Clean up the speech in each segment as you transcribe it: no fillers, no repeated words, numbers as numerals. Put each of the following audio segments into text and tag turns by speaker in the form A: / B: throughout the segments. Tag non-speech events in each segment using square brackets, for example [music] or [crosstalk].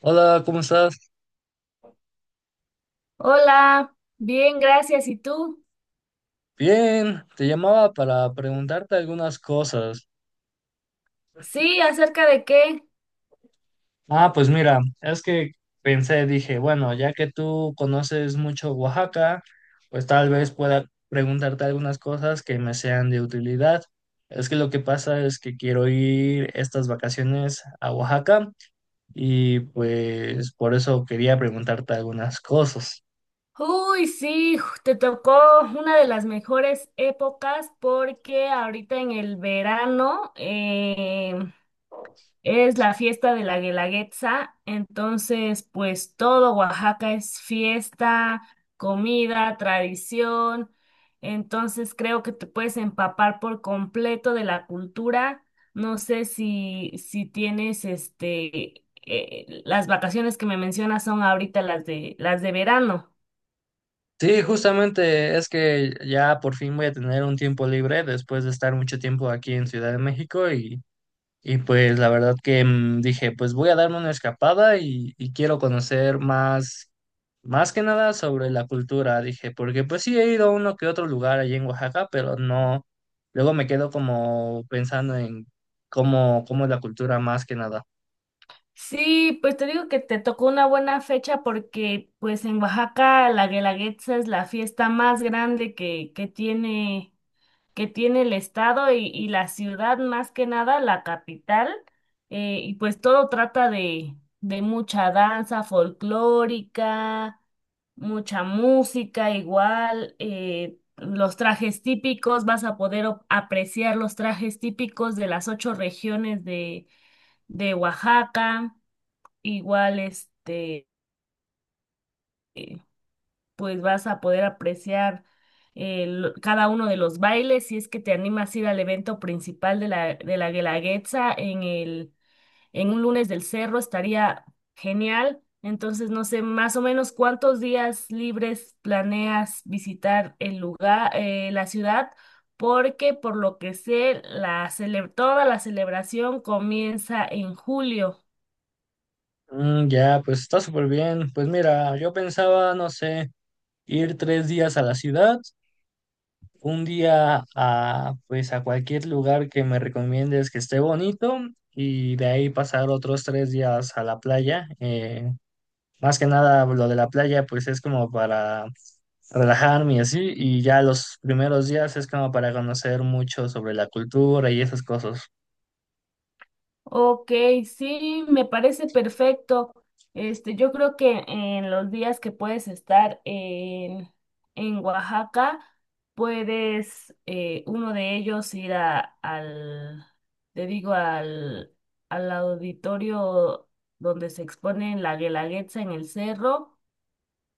A: Hola, ¿cómo estás?
B: Hola, bien, gracias. ¿Y tú?
A: Bien, te llamaba para preguntarte algunas cosas.
B: Sí, ¿acerca de qué?
A: Ah, pues mira, es que pensé, dije, bueno, ya que tú conoces mucho Oaxaca, pues tal vez pueda preguntarte algunas cosas que me sean de utilidad. Es que lo que pasa es que quiero ir estas vacaciones a Oaxaca y pues por eso quería preguntarte algunas cosas.
B: Uy, sí, te tocó una de las mejores épocas porque ahorita en el verano es la fiesta de la Guelaguetza, entonces pues todo Oaxaca es fiesta, comida, tradición, entonces creo que te puedes empapar por completo de la cultura. No sé si tienes las vacaciones que me mencionas son ahorita las de verano.
A: Sí, justamente es que ya por fin voy a tener un tiempo libre después de estar mucho tiempo aquí en Ciudad de México y pues la verdad que dije, pues voy a darme una escapada y quiero conocer más, más que nada sobre la cultura, dije, porque pues sí he ido a uno que otro lugar allí en Oaxaca, pero no, luego me quedo como pensando en cómo es la cultura más que nada.
B: Sí, pues te digo que te tocó una buena fecha porque pues en Oaxaca la Guelaguetza es la fiesta más grande que tiene el estado y la ciudad, más que nada, la capital, y pues todo trata de mucha danza folclórica, mucha música igual, los trajes típicos, vas a poder apreciar los trajes típicos de las ocho regiones de Oaxaca, igual pues vas a poder apreciar cada uno de los bailes si es que te animas a ir al evento principal de la, Guelaguetza en el, en un lunes del cerro, estaría genial. Entonces, no sé, más o menos cuántos días libres planeas visitar el lugar, la ciudad, porque por lo que sé, la toda la celebración comienza en julio.
A: Mm, ya, pues está súper bien. Pues mira, yo pensaba, no sé, ir 3 días a la ciudad, un día a, pues, a cualquier lugar que me recomiendes que esté bonito y de ahí pasar otros 3 días a la playa. Más que nada lo de la playa pues es como para relajarme y así, y ya los primeros días es como para conocer mucho sobre la cultura y esas cosas.
B: Ok, sí, me parece perfecto. Yo creo que en los días que puedes estar en Oaxaca, puedes uno de ellos ir al, te digo, al auditorio donde se expone la Guelaguetza en el cerro.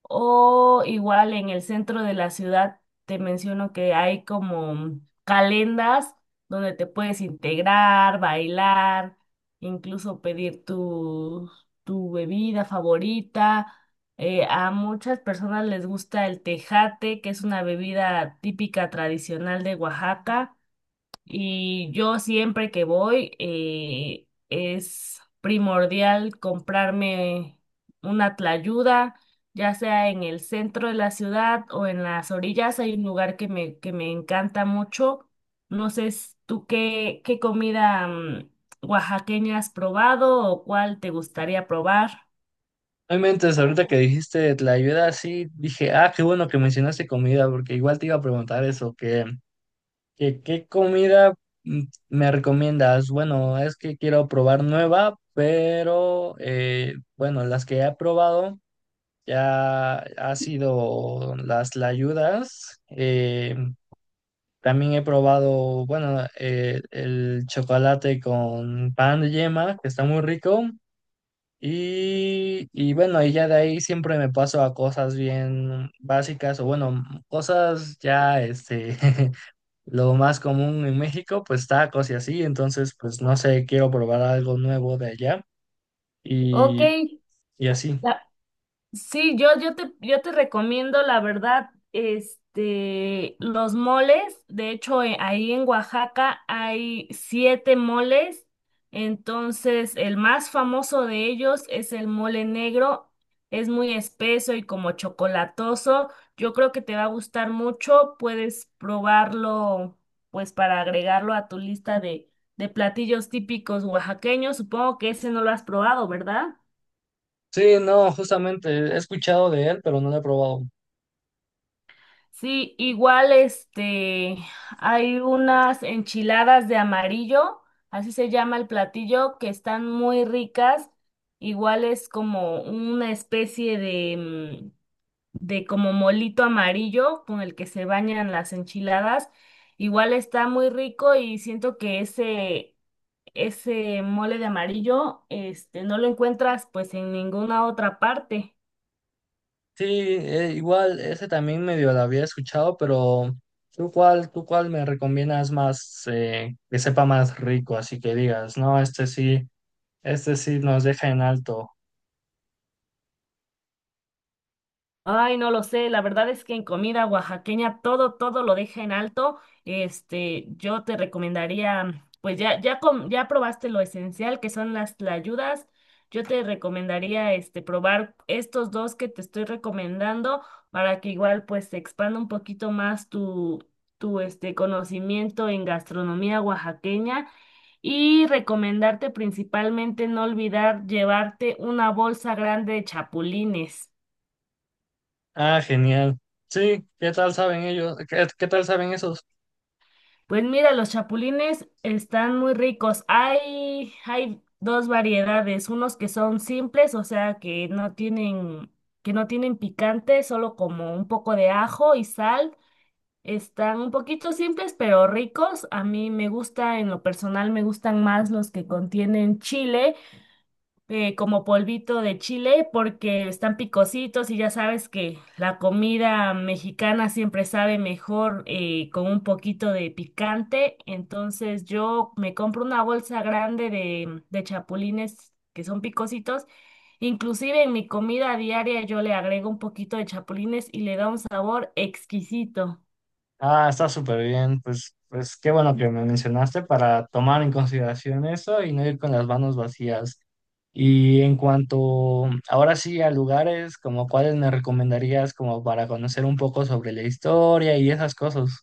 B: O igual en el centro de la ciudad te menciono que hay como calendas donde te puedes integrar, bailar, incluso pedir tu bebida favorita. A muchas personas les gusta el tejate, que es una bebida típica tradicional de Oaxaca. Y yo siempre que voy, es primordial comprarme una tlayuda, ya sea en el centro de la ciudad o en las orillas. Hay un lugar que me encanta mucho. No sé tú qué comida oaxaqueña has probado o cuál te gustaría probar.
A: Obviamente, ahorita que dijiste la ayuda, sí dije, ah, qué bueno que mencionaste comida porque igual te iba a preguntar eso, que... ¿Qué comida, mm, me recomiendas? Bueno, es que quiero probar nueva, pero bueno, las que he probado ya ha sido las layudas. También he probado, bueno, el chocolate con pan de yema, que está muy rico. Y bueno, y ya de ahí siempre me paso a cosas bien básicas o bueno, cosas ya este [laughs] lo más común en México, pues tacos y así, entonces, pues no sé, quiero probar algo nuevo de allá
B: Ok,
A: y, y así.
B: sí, yo te recomiendo, la verdad, los moles. De hecho, ahí en Oaxaca hay siete moles. Entonces, el más famoso de ellos es el mole negro. Es muy espeso y como chocolatoso. Yo creo que te va a gustar mucho. Puedes probarlo, pues, para agregarlo a tu lista de, platillos típicos oaxaqueños. Supongo que ese no lo has probado, ¿verdad?
A: Sí, no, justamente he escuchado de él, pero no lo he probado.
B: Sí, igual hay unas enchiladas de amarillo, así se llama el platillo, que están muy ricas. Igual es como una especie mm, de como molito amarillo con el que se bañan las enchiladas. Igual está muy rico y siento que ese mole de amarillo, no lo encuentras pues en ninguna otra parte.
A: Sí, igual ese también medio lo había escuchado, pero ¿tú cuál me recomiendas más, que sepa más rico? Así que digas, no, este sí nos deja en alto.
B: Ay, no lo sé, la verdad es que en comida oaxaqueña todo lo deja en alto. Yo te recomendaría, pues ya, ya, ya probaste lo esencial que son las tlayudas. Yo te recomendaría, probar estos dos que te estoy recomendando para que igual, pues, se expanda un poquito más tu conocimiento en gastronomía oaxaqueña. Y recomendarte principalmente no olvidar llevarte una bolsa grande de chapulines.
A: Ah, genial. Sí, ¿qué tal saben ellos? ¿Qué, qué tal saben esos?
B: Pues mira, los chapulines están muy ricos. Hay dos variedades, unos que son simples, o sea, que no tienen picante, solo como un poco de ajo y sal. Están un poquito simples, pero ricos. A mí me gusta, en lo personal, me gustan más los que contienen chile, como polvito de chile porque están picositos y ya sabes que la comida mexicana siempre sabe mejor, con un poquito de picante. Entonces yo me compro una bolsa grande de chapulines que son picositos. Inclusive en mi comida diaria yo le agrego un poquito de chapulines y le da un sabor exquisito.
A: Ah, está súper bien. Pues, pues qué bueno que me mencionaste para tomar en consideración eso y no ir con las manos vacías. Y en cuanto ahora sí a lugares, como cuáles me recomendarías como para conocer un poco sobre la historia y esas cosas.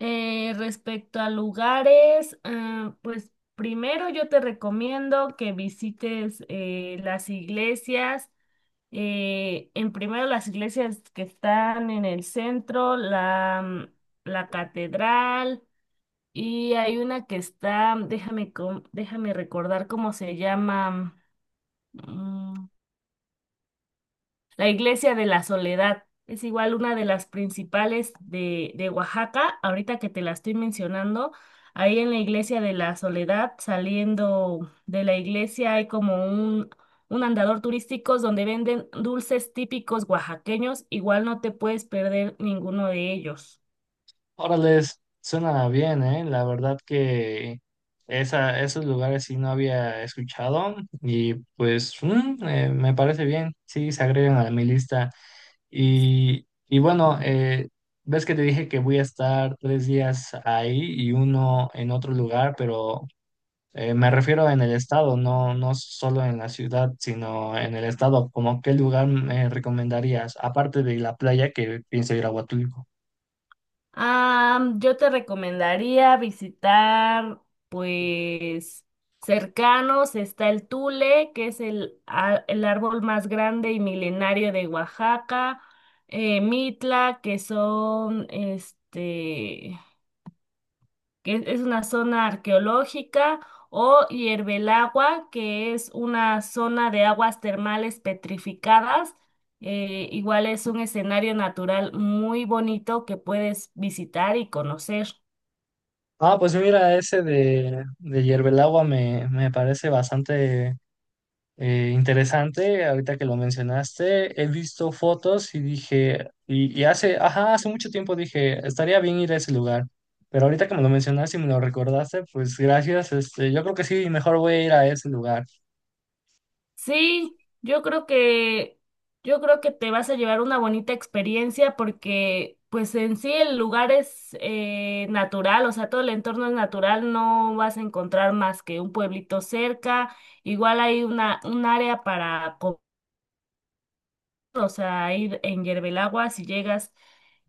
B: Respecto a lugares, ah, pues primero yo te recomiendo que visites las iglesias, en primero las iglesias que están en el centro, la catedral y hay una que está, déjame recordar cómo se llama, mm, la iglesia de la Soledad es igual una de las principales de Oaxaca. Ahorita que te la estoy mencionando, ahí en la iglesia de la Soledad, saliendo de la iglesia, hay como un andador turístico donde venden dulces típicos oaxaqueños. Igual no te puedes perder ninguno de ellos.
A: Órale, suena bien, ¿eh? La verdad que esos lugares sí no había escuchado y pues me parece bien, sí, se agregan a mi lista. Y bueno, ves que te dije que voy a estar 3 días ahí y uno en otro lugar, pero me refiero en el estado, no, no solo en la ciudad, sino en el estado. ¿Como qué lugar me recomendarías, aparte de la playa que pienso ir a Huatulco?
B: Yo te recomendaría visitar, pues, cercanos está el tule, que es el árbol más grande y milenario de Oaxaca, Mitla, que es una zona arqueológica, o Hierbelagua, que es una zona de aguas termales petrificadas. Igual es un escenario natural muy bonito que puedes visitar y conocer.
A: Ah, pues mira, ese de Hierve el Agua me parece bastante, eh, interesante. Ahorita que lo mencionaste, he visto fotos y dije, y hace, ajá, hace mucho tiempo dije, estaría bien ir a ese lugar, pero ahorita que me lo mencionaste y me lo recordaste, pues gracias, este, yo creo que sí, mejor voy a ir a ese lugar.
B: Sí, yo creo que te vas a llevar una bonita experiencia porque, pues en sí el lugar es natural, o sea, todo el entorno es natural, no vas a encontrar más que un pueblito cerca. Igual hay un área para comer, o sea, ahí en Yerbelagua, si llegas,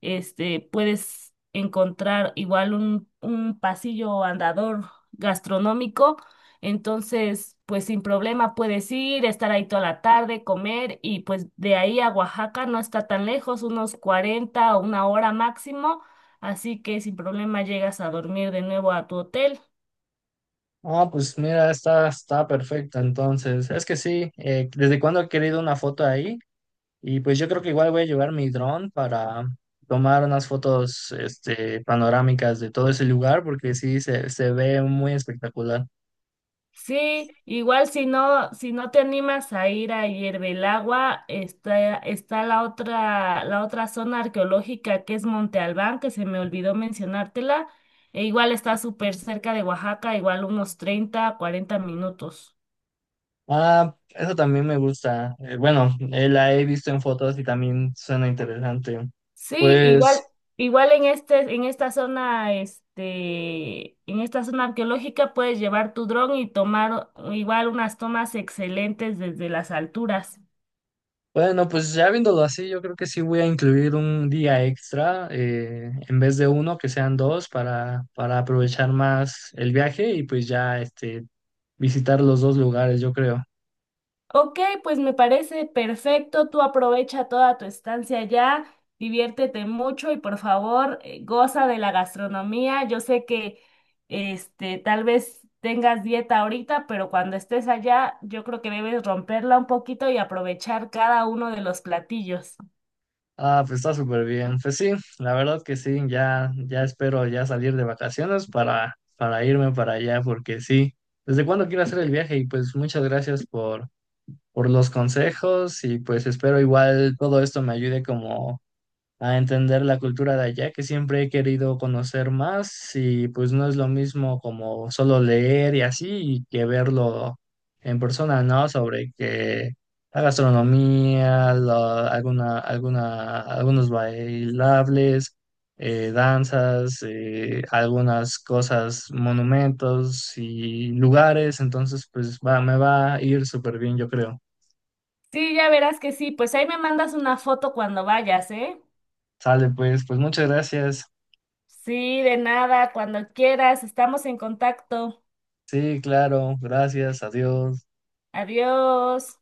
B: puedes encontrar igual un pasillo andador gastronómico, entonces, pues sin problema puedes ir, estar ahí toda la tarde, comer y pues de ahí a Oaxaca no está tan lejos, unos 40 o una hora máximo, así que sin problema llegas a dormir de nuevo a tu hotel.
A: Ah, pues mira, está perfecta, entonces, es que sí, desde cuando he querido una foto ahí, y pues yo creo que igual voy a llevar mi dron para tomar unas fotos, este, panorámicas de todo ese lugar, porque sí, se ve muy espectacular.
B: Sí, igual si no te animas a ir a Hiervelagua, está la otra zona arqueológica que es Monte Albán, que se me olvidó mencionártela, e igual está súper cerca de Oaxaca, igual unos 30, 40 minutos.
A: Ah, eso también me gusta. Bueno, la he visto en fotos y también suena interesante.
B: Sí, igual,
A: Pues,
B: igual en esta zona arqueológica puedes llevar tu dron y tomar igual unas tomas excelentes desde las alturas.
A: bueno, pues ya viéndolo así, yo creo que sí voy a incluir un día extra, en vez de uno, que sean dos, para aprovechar más el viaje y pues ya este, visitar los dos lugares, yo creo.
B: Ok, pues me parece perfecto. Tú aprovecha toda tu estancia allá, diviértete mucho y por favor, goza de la gastronomía. Yo sé que tal vez tengas dieta ahorita, pero cuando estés allá, yo creo que debes romperla un poquito y aprovechar cada uno de los platillos.
A: Ah, pues está súper bien. Pues sí, la verdad que sí, ya, ya espero ya salir de vacaciones para, irme para allá, porque sí. ¿Desde cuándo quiero hacer el viaje? Y pues muchas gracias por los consejos y pues espero igual todo esto me ayude como a entender la cultura de allá, que siempre he querido conocer más y pues no es lo mismo como solo leer y así y que verlo en persona, ¿no? Sobre que la gastronomía, algunos bailables, danzas, algunas cosas, monumentos y lugares, entonces pues va, me va a ir súper bien, yo creo.
B: Sí, ya verás que sí. Pues ahí me mandas una foto cuando vayas, ¿eh?
A: Sale pues, pues muchas gracias.
B: Sí, de nada, cuando quieras. Estamos en contacto.
A: Sí, claro, gracias, adiós.
B: Adiós.